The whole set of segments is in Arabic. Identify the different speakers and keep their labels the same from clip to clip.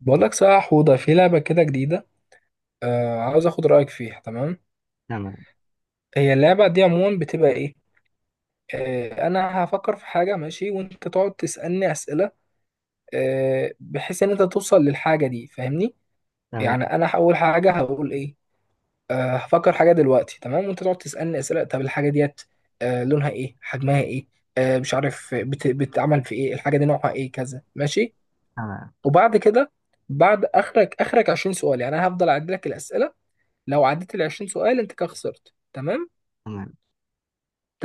Speaker 1: بقول لك صح يا حوضة، في لعبة كده جديدة. عاوز اخد رأيك فيها. تمام.
Speaker 2: تمام.
Speaker 1: هي اللعبة دي عموما بتبقى ايه؟ انا هفكر في حاجة ماشي، وانت تقعد تسألني أسئلة، بحيث ان انت توصل للحاجة دي. فاهمني؟
Speaker 2: تمام.
Speaker 1: يعني انا هقول حاجة. هقول ايه؟ هفكر حاجة دلوقتي، تمام، وانت تقعد تسألني أسئلة، طب الحاجة ديت لونها ايه، حجمها ايه، مش عارف، بتعمل في ايه، الحاجة دي نوعها ايه، كذا. ماشي.
Speaker 2: تمام.
Speaker 1: وبعد كده بعد اخرك 20 سؤال، يعني انا هفضل اعد لك الأسئلة. لو عديت ال 20 سؤال انت كده خسرت. تمام.
Speaker 2: تمام.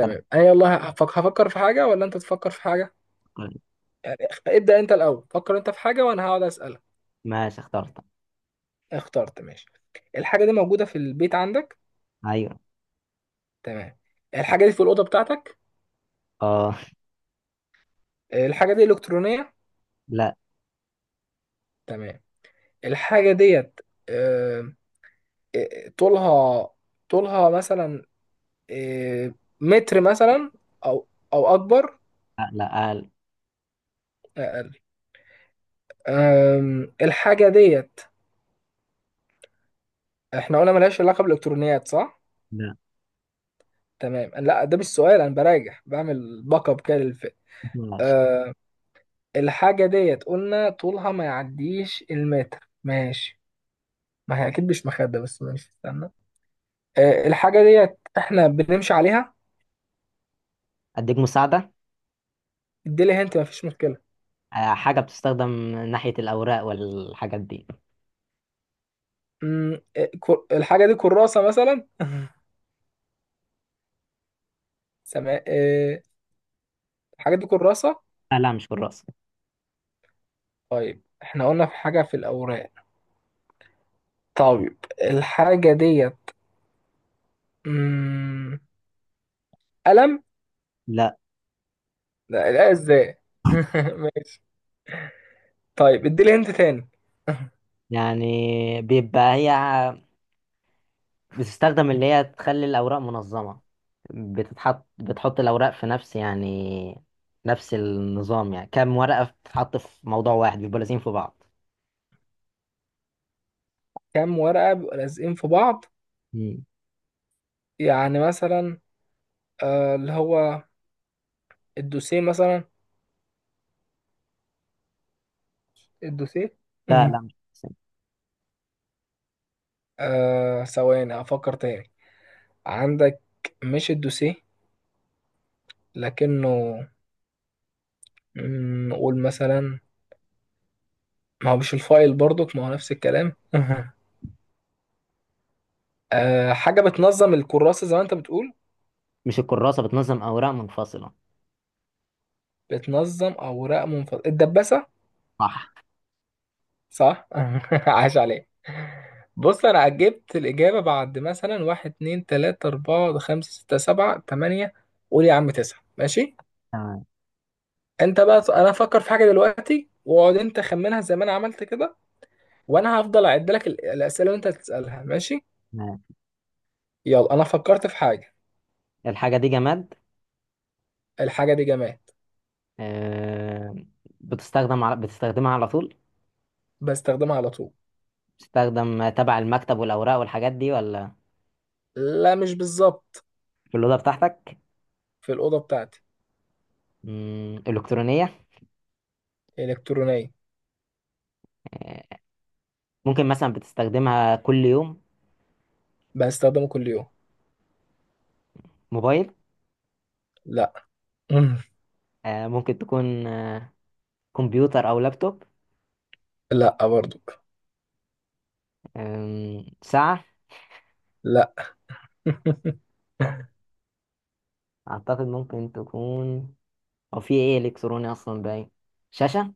Speaker 2: أبقى.
Speaker 1: انا يلا هفكر في حاجه ولا انت تفكر في حاجه؟ يعني ابدا، انت الاول فكر انت في حاجه وانا هقعد اسالك.
Speaker 2: ماشي، اخترت.
Speaker 1: اخترت؟ ماشي. الحاجه دي موجوده في البيت عندك؟
Speaker 2: أيوه.
Speaker 1: تمام. الحاجه دي في الاوضه بتاعتك؟
Speaker 2: آه.
Speaker 1: الحاجه دي الكترونيه؟
Speaker 2: لا
Speaker 1: تمام. الحاجه ديت آه، آه، طولها طولها مثلا، آه، متر مثلا، او اكبر؟
Speaker 2: لا لا، آه،
Speaker 1: اقل؟ الحاجه ديت احنا قلنا ملهاش علاقه بالالكترونيات، صح؟
Speaker 2: لا.
Speaker 1: تمام. لا، ده مش سؤال، انا براجع، بعمل باك اب كده للفيلم.
Speaker 2: ماشي.
Speaker 1: أه الحاجه ديت قلنا طولها ما يعديش المتر، ماشي. ما هي اكيد مش مخده، بس ماشي، استنى. الحاجه ديت احنا بنمشي عليها؟
Speaker 2: أديك مساعدة؟
Speaker 1: اديلي هنت، ما فيش مشكله.
Speaker 2: آه، حاجة بتستخدم ناحية الأوراق والحاجات دي.
Speaker 1: الحاجه دي كراسه مثلا؟ سماء. الحاجه دي كراسه؟
Speaker 2: آه لا، مش كراسة.
Speaker 1: طيب احنا قلنا في حاجه في الاوراق. طيب الحاجه ديت مم، قلم؟
Speaker 2: لا.
Speaker 1: لا، لا، ازاي؟ ماشي. طيب ادي لي انت تاني.
Speaker 2: يعني بيبقى هي بتستخدم اللي هي تخلي الأوراق منظمة. بتحط الأوراق في نفس، يعني نفس النظام، يعني كام ورقة بتتحط في موضوع واحد بيبقوا لازقين في بعض.
Speaker 1: كام ورقة بيبقوا لازقين في بعض؟
Speaker 2: مم.
Speaker 1: يعني مثلا اللي هو الدوسيه مثلا. الدوسيه.
Speaker 2: لا لا، مش
Speaker 1: ثواني افكر تاني. عندك، مش الدوسيه لكنه نقول مثلا. ما هو مش الفايل برضك، ما هو نفس الكلام. حاجة بتنظم الكراسة زي ما انت بتقول؟
Speaker 2: مش الكراسة بتنظم أوراق منفصلة.
Speaker 1: بتنظم اوراق منفصلة، الدباسة.
Speaker 2: صح.
Speaker 1: صح. عاش عليك. بص، انا عجبت الاجابه. بعد مثلا واحد، اتنين، تلاته، اربعه، خمسه، سته، سبعه، تمانيه، قول يا عم تسعه، ماشي.
Speaker 2: تمام.
Speaker 1: انت بقى، انا هفكر في حاجه دلوقتي، واقعد انت خمنها زي ما انا عملت كده. وانا هفضل اعد لك الاسئله اللي انت هتسالها، ماشي.
Speaker 2: تمام.
Speaker 1: يلا، انا فكرت في حاجه.
Speaker 2: الحاجة دي جماد.
Speaker 1: الحاجه دي جماد.
Speaker 2: آه، بتستخدمها على طول.
Speaker 1: بستخدمها على طول.
Speaker 2: بتستخدم تبع المكتب والأوراق والحاجات دي؟ ولا
Speaker 1: لا، مش بالظبط.
Speaker 2: في الأوضة بتاعتك؟
Speaker 1: في الاوضه بتاعتي.
Speaker 2: إلكترونية؟
Speaker 1: الكترونيه.
Speaker 2: آه، ممكن مثلا بتستخدمها كل يوم؟
Speaker 1: بستخدمه كل يوم.
Speaker 2: موبايل؟
Speaker 1: لا. مم.
Speaker 2: ممكن تكون كمبيوتر أو لابتوب؟
Speaker 1: لا، برضو.
Speaker 2: ساعة؟
Speaker 1: لا.
Speaker 2: أعتقد ممكن تكون، أو في إيه إلكتروني أصلا باين؟ شاشة؟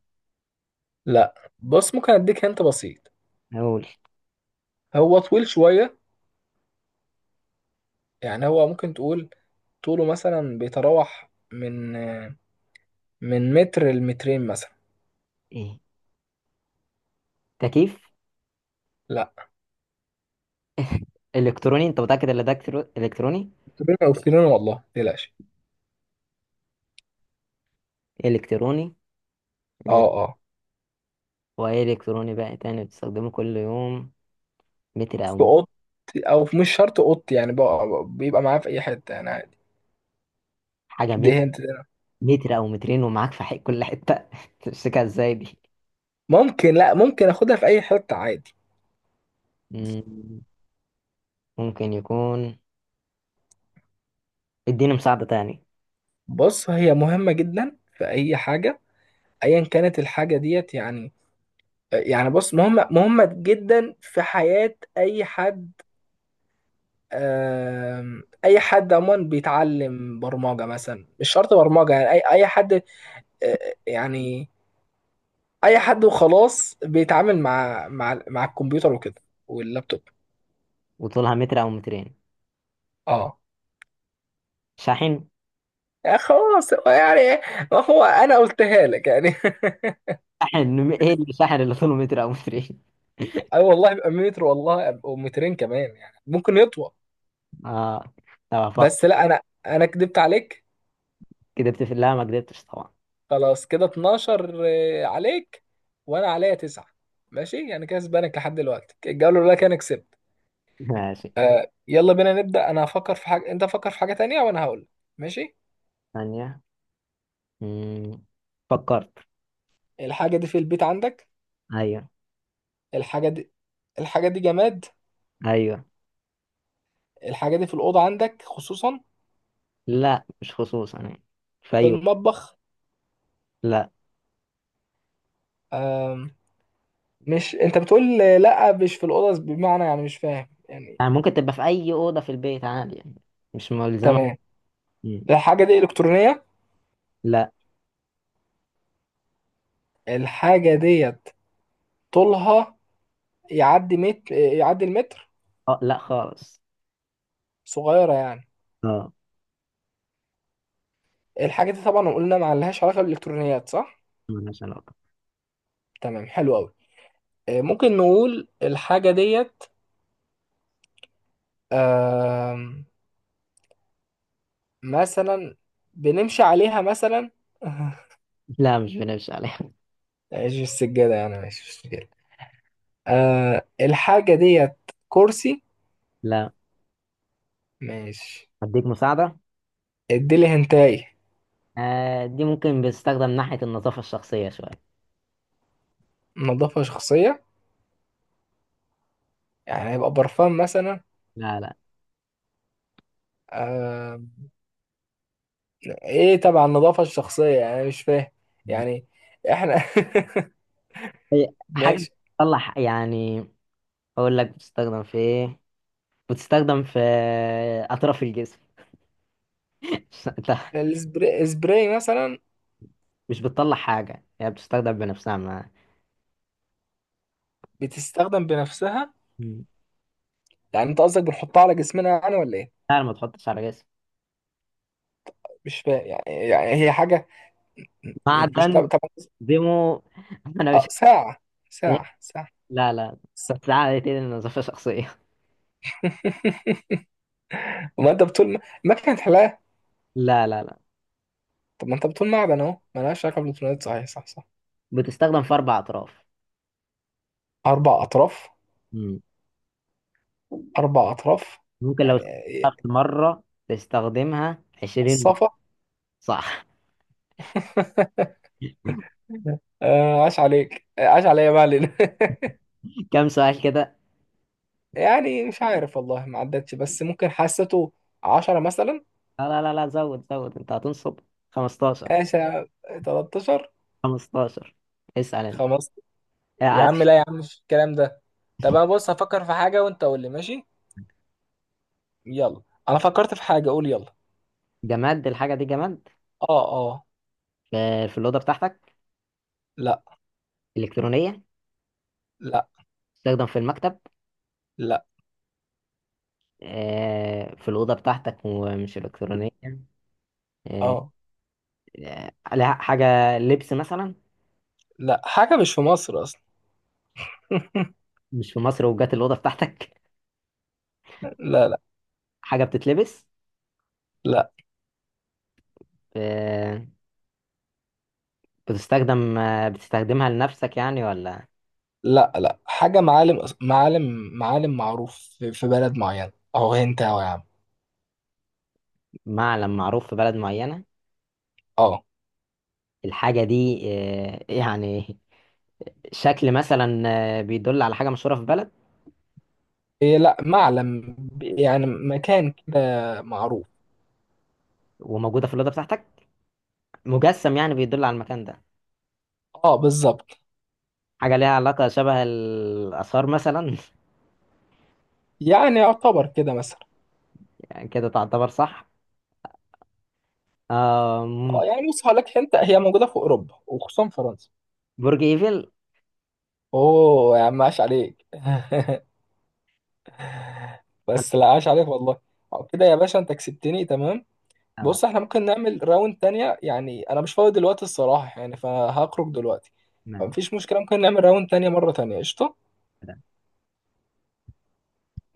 Speaker 1: لا، بص، ممكن اديك انت بسيط.
Speaker 2: أقول
Speaker 1: هو طويل شويه. يعني هو ممكن تقول طوله مثلا بيتراوح من متر لمترين مثلا.
Speaker 2: إيه؟ تكييف؟
Speaker 1: لا،
Speaker 2: إلكتروني؟ أنت متأكد إن ده إلكتروني؟
Speaker 1: مترين، او مترين والله، متقلقش.
Speaker 2: إلكتروني.
Speaker 1: اه،
Speaker 2: مم.
Speaker 1: اه،
Speaker 2: واي الكتروني بقى، تاني بتستخدمه كل يوم، متر
Speaker 1: في
Speaker 2: او مت-
Speaker 1: اوضتي، مش شرط اوضتي، يعني بيبقى معاه في اي حته يعني، عادي.
Speaker 2: حاجه
Speaker 1: دي
Speaker 2: مت-
Speaker 1: هنت ده.
Speaker 2: متر او مترين، ومعاك في حق كل حته تمسكها ازاي دي؟
Speaker 1: ممكن، لا ممكن اخدها في اي حته عادي.
Speaker 2: مم، ممكن يكون. اديني مساعده تاني.
Speaker 1: بص، هي مهمه جدا في اي حاجه، ايا كانت الحاجه ديت، يعني. بص، مهمه مهمه جدا في حياه اي حد، اي حد عموما بيتعلم برمجه مثلا، مش شرط برمجه، يعني اي حد، يعني اي حد وخلاص بيتعامل مع الكمبيوتر وكده، واللابتوب.
Speaker 2: وطولها متر او مترين؟
Speaker 1: اه
Speaker 2: شاحن؟
Speaker 1: يعني خلاص، هو يعني، ما هو انا قلتها لك يعني.
Speaker 2: شاحن ايه اللي شاحن اللي طوله متر او مترين؟
Speaker 1: اي والله، يبقى متر والله او مترين كمان، يعني ممكن يطول.
Speaker 2: اه. طب افكر.
Speaker 1: بس لا، انا كدبت عليك.
Speaker 2: كدبت؟ في لا، ما كدبتش طبعا.
Speaker 1: خلاص، كده 12 عليك، وانا عليا تسعة، ماشي، يعني كسبانك لحد دلوقتي. الجوله الاولى كان كسبت.
Speaker 2: ماشي.
Speaker 1: يلا بينا نبدأ. انا هفكر في حاجة، انت فكر في حاجة تانية، وانا هقول. ماشي.
Speaker 2: ثانيه. مم، فكرت.
Speaker 1: الحاجة دي في البيت عندك.
Speaker 2: ايوه.
Speaker 1: الحاجة دي. الحاجة دي جماد.
Speaker 2: ايوه.
Speaker 1: الحاجة دي في الأوضة عندك خصوصا؟
Speaker 2: لا، مش خصوصا يعني، في
Speaker 1: في
Speaker 2: اي وقت.
Speaker 1: المطبخ؟
Speaker 2: لا.
Speaker 1: آم... مش انت بتقول لا مش في الأوضة، بمعنى يعني مش فاهم يعني.
Speaker 2: يعني ممكن تبقى في اي اوضه في البيت عادي، يعني مش ملزمه.
Speaker 1: تمام.
Speaker 2: مم.
Speaker 1: الحاجة دي إلكترونية؟
Speaker 2: لا.
Speaker 1: الحاجة ديت طولها يعدي متر، يعدي المتر؟
Speaker 2: أه لا خالص.
Speaker 1: صغيرة يعني.
Speaker 2: اه.
Speaker 1: الحاجة دي طبعا قلنا ما لهاش علاقة بالإلكترونيات، صح؟
Speaker 2: ملهاش علاقه.
Speaker 1: تمام، حلو أوي. ممكن نقول الحاجة ديت آم، مثلا بنمشي عليها مثلا؟
Speaker 2: لا، مش بنمشي عليها
Speaker 1: ماشي، السجادة يعني، ماشي، مش مشكلة. الحاجة ديت كرسي؟
Speaker 2: لا.
Speaker 1: ماشي.
Speaker 2: اديك مساعده.
Speaker 1: اديلي هنتاي.
Speaker 2: آه، دي ممكن بتستخدم ناحيه النظافه الشخصيه شويه.
Speaker 1: نظافة شخصية؟ يعني هيبقى برفان مثلا؟
Speaker 2: لا لا.
Speaker 1: آه ايه تبع النظافة الشخصية؟ يعني أنا مش فاهم يعني، احنا.
Speaker 2: هي حاجه
Speaker 1: ماشي.
Speaker 2: بتطلع، يعني اقول لك بتستخدم في ايه، بتستخدم في اطراف الجسم انت
Speaker 1: السبراي، السبراي مثلا؟
Speaker 2: مش بتطلع حاجه، هي بتستخدم بنفسها ما.
Speaker 1: بتستخدم بنفسها؟
Speaker 2: مم.
Speaker 1: يعني انت قصدك بنحطها على جسمنا يعني ولا ايه؟
Speaker 2: لا، ما تحطش على جسم.
Speaker 1: مش فاهم يعني هي حاجة مش
Speaker 2: معدن.
Speaker 1: تبع.
Speaker 2: ديمو. انا
Speaker 1: اه،
Speaker 2: مش.
Speaker 1: ساعة، ساعة، ساعة.
Speaker 2: لا لا. بتتعامل على ايدين نظافة شخصية.
Speaker 1: ما انت بتقول ما كانت حلاقة.
Speaker 2: لا لا لا.
Speaker 1: طب ما انت بتقول معدن، اهو ملهاش علاقة بالبلوتونات، صحيح، صح، صح.
Speaker 2: بتستخدم في أربع أطراف.
Speaker 1: أربع أطراف.
Speaker 2: مم.
Speaker 1: أربع أطراف.
Speaker 2: ممكن لو
Speaker 1: يعني إيه،
Speaker 2: استخدمت مرة تستخدمها 20 مرة.
Speaker 1: الصفا.
Speaker 2: صح.
Speaker 1: عاش عليك، عاش عليا بقى ليلى.
Speaker 2: كم سؤال كده؟
Speaker 1: يعني مش عارف والله، ما عدتش، بس ممكن حسيته 10 مثلا.
Speaker 2: لا لا لا لا، زود زود، أنت هتنصب. 15.
Speaker 1: ماشي. 13.
Speaker 2: 15. اسأل أنت.
Speaker 1: خمس. يا
Speaker 2: عايز.
Speaker 1: عم لا، يا عم مش الكلام ده. طب انا بص هفكر في حاجة وانت قول لي، ماشي؟ يلا، انا فكرت في حاجة. قول يلا.
Speaker 2: جماد؟ الحاجة دي جماد.
Speaker 1: اه. اه.
Speaker 2: في الأوضة بتاعتك؟
Speaker 1: لا.
Speaker 2: إلكترونية؟
Speaker 1: لا.
Speaker 2: تستخدم في المكتب؟
Speaker 1: لا.
Speaker 2: في الأوضة بتاعتك ومش إلكترونية. آه،
Speaker 1: اه،
Speaker 2: لها حاجة لبس مثلا؟
Speaker 1: لا، حاجة مش في مصر أصلا.
Speaker 2: مش في مصر وجات الأوضة بتاعتك؟
Speaker 1: لا، لا،
Speaker 2: حاجة بتتلبس؟
Speaker 1: لا،
Speaker 2: آه، بتستخدمها لنفسك يعني، ولا؟
Speaker 1: لا، لا، حاجة معالم معروف في بلد معين، أو أنت أو يا عم.
Speaker 2: معلم معروف في بلد معينة.
Speaker 1: اه.
Speaker 2: الحاجة دي، يعني شكل مثلا، بيدل على حاجة مشهورة في بلد،
Speaker 1: إيه، لا، معلم يعني مكان كده معروف.
Speaker 2: وموجودة في الأوضة بتاعتك. مجسم يعني بيدل على المكان ده؟
Speaker 1: اه، بالظبط.
Speaker 2: حاجة ليها علاقة شبه الآثار مثلا؟
Speaker 1: يعني يعتبر كده مثلا.
Speaker 2: يعني كده تعتبر صح. آم،
Speaker 1: اه، يعني بص، هقول لك انت، هي موجودة في أوروبا وخصوصا فرنسا.
Speaker 2: برج إيفل.
Speaker 1: اوه يا عم عاش عليك. بس لا، عاش عليك والله. كده يا باشا انت كسبتني، تمام.
Speaker 2: آه،
Speaker 1: بص احنا ممكن نعمل راوند تانية، يعني انا مش فاضي دلوقتي الصراحة يعني، فهخرج دلوقتي،
Speaker 2: ما-
Speaker 1: فمفيش مشكلة، ممكن نعمل راوند تانية مرة تانية، قشطة.